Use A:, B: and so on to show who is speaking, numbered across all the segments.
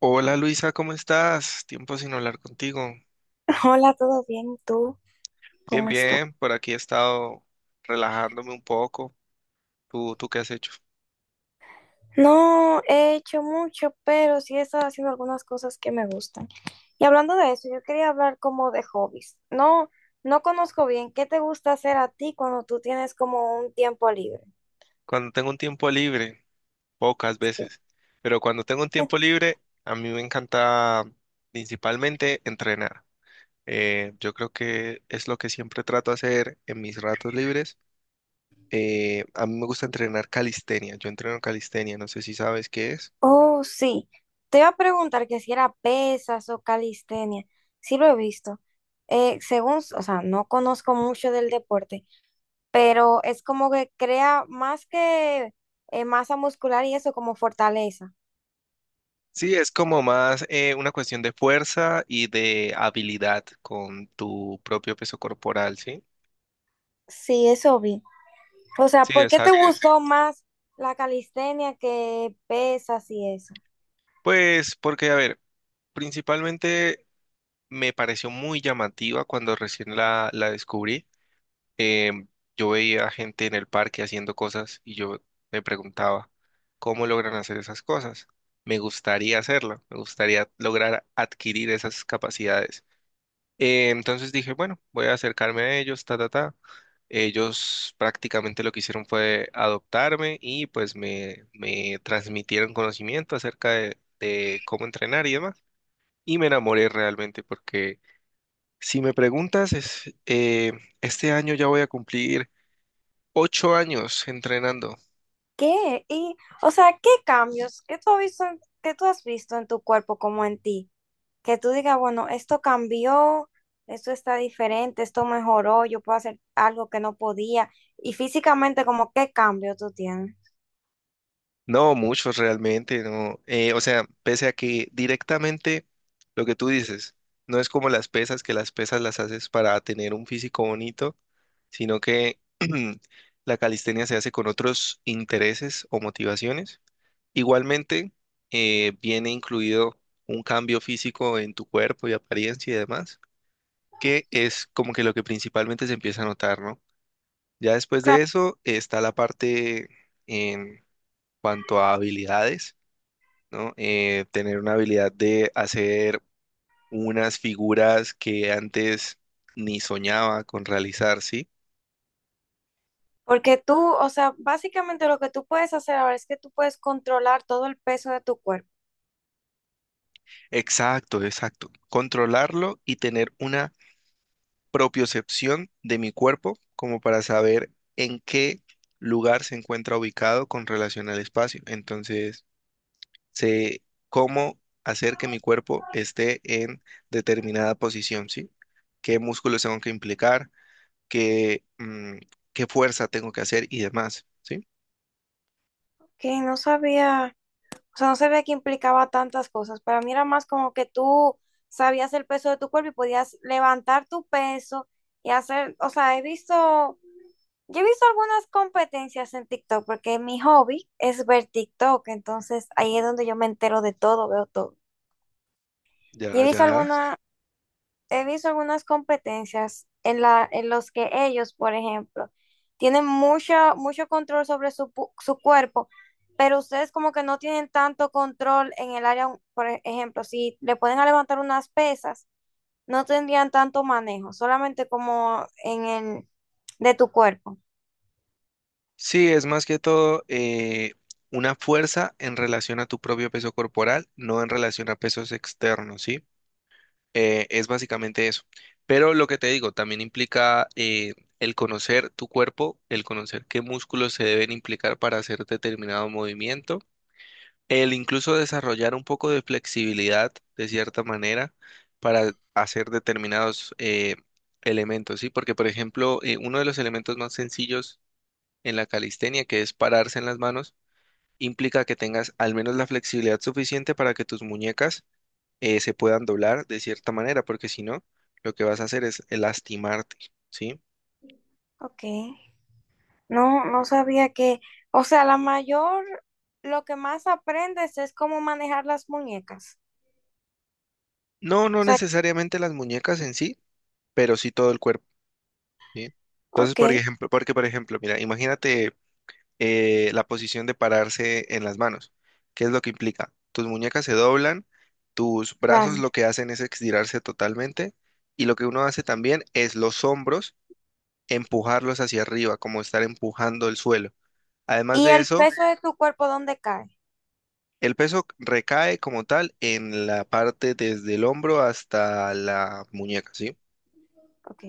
A: Hola Luisa, ¿cómo estás? Tiempo sin hablar contigo.
B: Hola, ¿todo bien? ¿Tú
A: Bien,
B: cómo estás?
A: bien, por aquí he estado relajándome un poco. ¿Tú qué has hecho?
B: No he hecho mucho, pero sí he estado haciendo algunas cosas que me gustan. Y hablando de eso, yo quería hablar como de hobbies. No, no conozco bien qué te gusta hacer a ti cuando tú tienes como un tiempo libre.
A: Cuando tengo un tiempo libre, pocas veces, pero cuando tengo un tiempo libre, a mí me encanta principalmente entrenar. Yo creo que es lo que siempre trato de hacer en mis ratos libres. A mí me gusta entrenar calistenia. Yo entreno calistenia, no sé si sabes qué es.
B: Oh, sí. Te iba a preguntar que si era pesas o calistenia. Sí lo he visto. Según, o sea, no conozco mucho del deporte, pero es como que crea más que masa muscular y eso como fortaleza.
A: Sí, es como más una cuestión de fuerza y de habilidad con tu propio peso corporal, ¿sí?
B: Sí, eso vi. O sea,
A: Sí,
B: ¿por qué te
A: exacto.
B: gustó más la calistenia que pesas y eso?
A: Pues porque, a ver, principalmente me pareció muy llamativa cuando recién la descubrí. Em, yo veía gente en el parque haciendo cosas y yo me preguntaba, ¿cómo logran hacer esas cosas? Me gustaría hacerlo, me gustaría lograr adquirir esas capacidades. Entonces dije, bueno, voy a acercarme a ellos, ta, ta, ta. Ellos prácticamente lo que hicieron fue adoptarme y pues me transmitieron conocimiento acerca de cómo entrenar y demás. Y me enamoré realmente porque si me preguntas, es, este año ya voy a cumplir 8 años entrenando.
B: ¿Qué? Y, o sea, ¿qué cambios que tú has visto que tú has visto en tu cuerpo como en ti? Que tú digas, bueno, esto cambió, esto está diferente, esto mejoró, yo puedo hacer algo que no podía. Y físicamente, como, ¿qué cambio tú tienes?
A: No, muchos realmente, no. O sea, pese a que directamente lo que tú dices, no es como las pesas, que las pesas las haces para tener un físico bonito, sino que la calistenia se hace con otros intereses o motivaciones. Igualmente, viene incluido un cambio físico en tu cuerpo y apariencia y demás, que es como que lo que principalmente se empieza a notar, ¿no? Ya después de
B: Claro.
A: eso está la parte en cuanto a habilidades, ¿no? Tener una habilidad de hacer unas figuras que antes ni soñaba con realizar, ¿sí?
B: Porque tú, o sea, básicamente lo que tú puedes hacer ahora es que tú puedes controlar todo el peso de tu cuerpo.
A: Exacto, exacto. Controlarlo y tener una propiocepción de mi cuerpo como para saber en qué lugar se encuentra ubicado con relación al espacio. Entonces, sé cómo hacer que mi cuerpo esté en determinada posición, ¿sí? ¿Qué músculos tengo que implicar? qué, mm, ¿Qué fuerza tengo que hacer y demás, ¿sí?
B: Que no sabía. O sea, no sabía que implicaba tantas cosas. Para mí era más como que tú sabías el peso de tu cuerpo y podías levantar tu peso y hacer, o sea, he visto, yo he visto algunas competencias en TikTok porque mi hobby es ver TikTok, entonces ahí es donde yo me entero de todo, veo todo. Y
A: Ya, ya.
B: he visto algunas competencias en en los que ellos, por ejemplo, tienen mucho, mucho control sobre su cuerpo, pero ustedes como que no tienen tanto control en el área, por ejemplo, si le pueden levantar unas pesas, no tendrían tanto manejo, solamente como en el de tu cuerpo.
A: Sí, es más que todo una fuerza en relación a tu propio peso corporal, no en relación a pesos externos, ¿sí? Es básicamente eso. Pero lo que te digo, también implica el conocer tu cuerpo, el conocer qué músculos se deben implicar para hacer determinado movimiento. El incluso desarrollar un poco de flexibilidad, de cierta manera, para hacer determinados elementos, ¿sí? Porque, por ejemplo, uno de los elementos más sencillos en la calistenia, que es pararse en las manos, implica que tengas al menos la flexibilidad suficiente para que tus muñecas se puedan doblar de cierta manera, porque si no, lo que vas a hacer es lastimarte, ¿sí?
B: Ok, no, no sabía que, o sea, la mayor, lo que más aprendes es cómo manejar las muñecas.
A: No,
B: O
A: no
B: sea,
A: necesariamente las muñecas en sí, pero sí todo el cuerpo, ¿sí? Entonces,
B: ok,
A: por ejemplo, porque, por ejemplo, mira, imagínate la posición de pararse en las manos. ¿Qué es lo que implica? Tus muñecas se doblan, tus brazos
B: claro.
A: lo que hacen es estirarse totalmente y lo que uno hace también es los hombros empujarlos hacia arriba, como estar empujando el suelo. Además
B: Y
A: de
B: el
A: eso,
B: peso de tu cuerpo, ¿dónde cae?
A: el peso recae como tal en la parte desde el hombro hasta la muñeca, ¿sí?
B: Ok,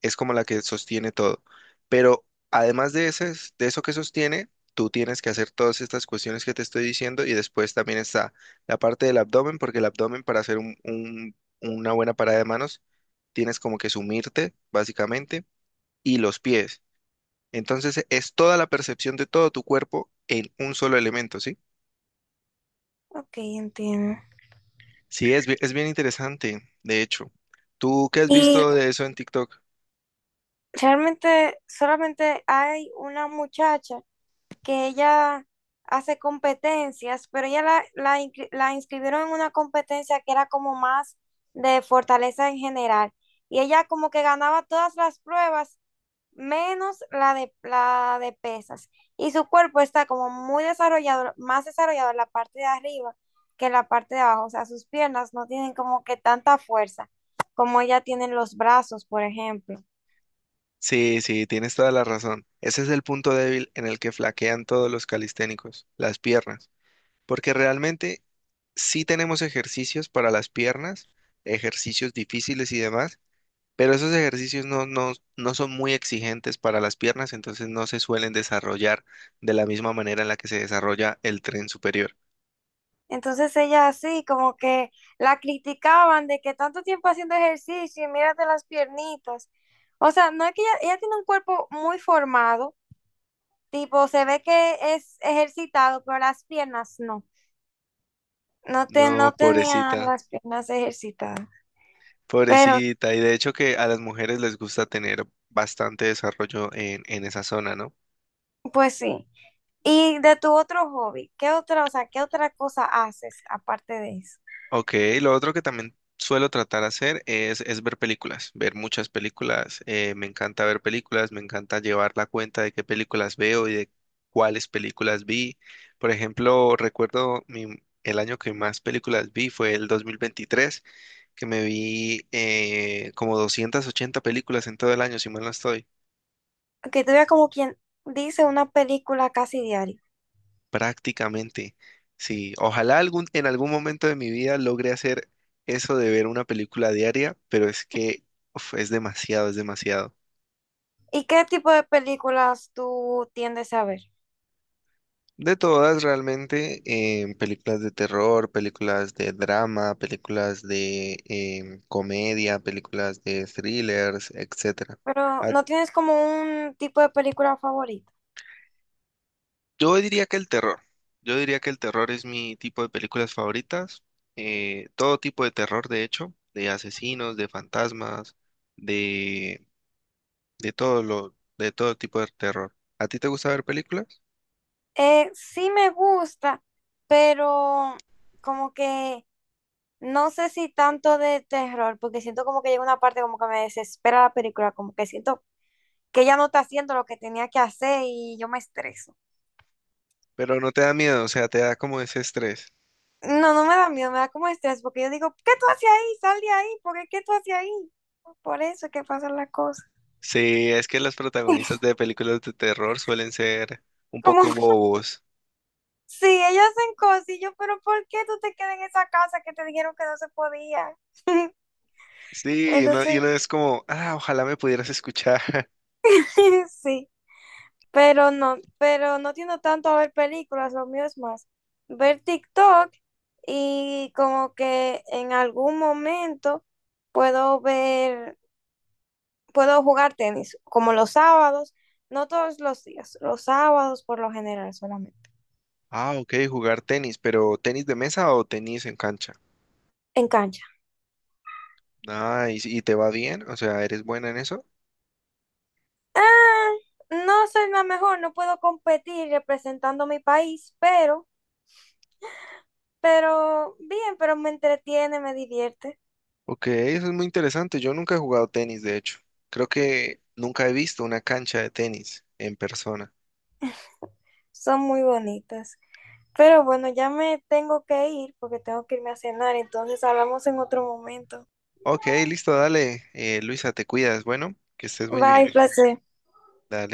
A: Es como la que sostiene todo. Pero además de ese, de eso que sostiene, tú tienes que hacer todas estas cuestiones que te estoy diciendo y después también está la parte del abdomen, porque el abdomen para hacer una buena parada de manos, tienes como que sumirte, básicamente, y los pies. Entonces es toda la percepción de todo tu cuerpo en un solo elemento, ¿sí?
B: ok, entiendo.
A: Sí, es bien interesante, de hecho. ¿Tú qué has
B: Y
A: visto de eso en TikTok?
B: realmente solamente hay una muchacha que ella hace competencias, pero ella la inscribieron en una competencia que era como más de fortaleza en general. Y ella como que ganaba todas las pruebas menos la de pesas. Y su cuerpo está como muy desarrollado, más desarrollado en la parte de arriba que en la parte de abajo. O sea, sus piernas no tienen como que tanta fuerza como ella tienen los brazos, por ejemplo.
A: Sí, sí, tienes toda la razón. Ese es el punto débil en el que flaquean todos los calisténicos, las piernas, porque realmente sí tenemos ejercicios para las piernas, ejercicios difíciles y demás, pero esos ejercicios no son muy exigentes para las piernas, entonces no se suelen desarrollar de la misma manera en la que se desarrolla el tren superior.
B: Entonces ella así como que la criticaban de que tanto tiempo haciendo ejercicio y mírate las piernitas. O sea, no es que ella tiene un cuerpo muy formado, tipo se ve que es ejercitado, pero las piernas no. No,
A: No,
B: no tenía
A: pobrecita,
B: las piernas ejercitadas, pero
A: pobrecita, y de hecho que a las mujeres les gusta tener bastante desarrollo en esa zona, ¿no?
B: pues sí. Y de tu otro hobby, ¿qué otra, o sea, qué otra cosa haces aparte de eso?
A: Ok, lo otro que también suelo tratar de hacer es ver películas, ver muchas películas. Me encanta ver películas, me encanta llevar la cuenta de qué películas veo y de cuáles películas vi. Por ejemplo, recuerdo el año que más películas vi fue el 2023, que me vi como 280 películas en todo el año, si mal no estoy.
B: Que tú veas como quien dice una película casi diaria.
A: Prácticamente, sí. Ojalá en algún momento de mi vida logre hacer eso de ver una película diaria, pero es que uf, es demasiado, es demasiado.
B: ¿Y qué tipo de películas tú tiendes a ver?
A: De todas, realmente, películas de terror, películas de drama, películas de comedia, películas de thrillers, etcétera.
B: Pero
A: ¿A
B: no tienes como un tipo de película favorita.
A: Yo diría que el terror. Yo diría que el terror es mi tipo de películas favoritas. Todo tipo de terror, de hecho, de asesinos, de fantasmas, de, de todo de todo tipo de terror. ¿A ti te gusta ver películas?
B: Sí me gusta, pero como que no sé si tanto de terror, porque siento como que llega una parte como que me desespera la película, como que siento que ya no está haciendo lo que tenía que hacer y yo me estreso.
A: Pero no te da miedo, o sea, te da como ese estrés.
B: No, no me da miedo, me da como estrés, porque yo digo, ¿qué tú haces ahí? Sal de ahí, porque qué tú haces ahí? Por eso es que pasan las cosas.
A: Sí, es que los protagonistas de películas de terror suelen ser un
B: Como,
A: poco bobos.
B: sí, ellos hacen cosas y yo, pero ¿por qué tú te quedas en esa casa que te dijeron que no se podía?
A: Sí, y uno, y
B: Entonces,
A: uno es como, ah, ojalá me pudieras escuchar.
B: sí. Pero no tiendo tanto a ver películas, lo mío es más ver TikTok y como que en algún momento puedo ver, puedo jugar tenis, como los sábados, no todos los días, los sábados por lo general solamente,
A: Ah, ok, jugar tenis, pero ¿tenis de mesa o tenis en cancha?
B: en cancha.
A: Ah, ¿y te va bien? O sea, ¿eres buena en eso?
B: Ah, no soy la mejor, no puedo competir representando mi país, pero bien, pero me entretiene, me divierte,
A: Ok, eso es muy interesante. Yo nunca he jugado tenis, de hecho. Creo que nunca he visto una cancha de tenis en persona.
B: son muy bonitas. Pero bueno, ya me tengo que ir porque tengo que irme a cenar, entonces hablamos en otro momento.
A: Ok, listo, dale. Luisa, te cuidas. Bueno, que estés muy
B: Bye,
A: bien.
B: placer.
A: Dale.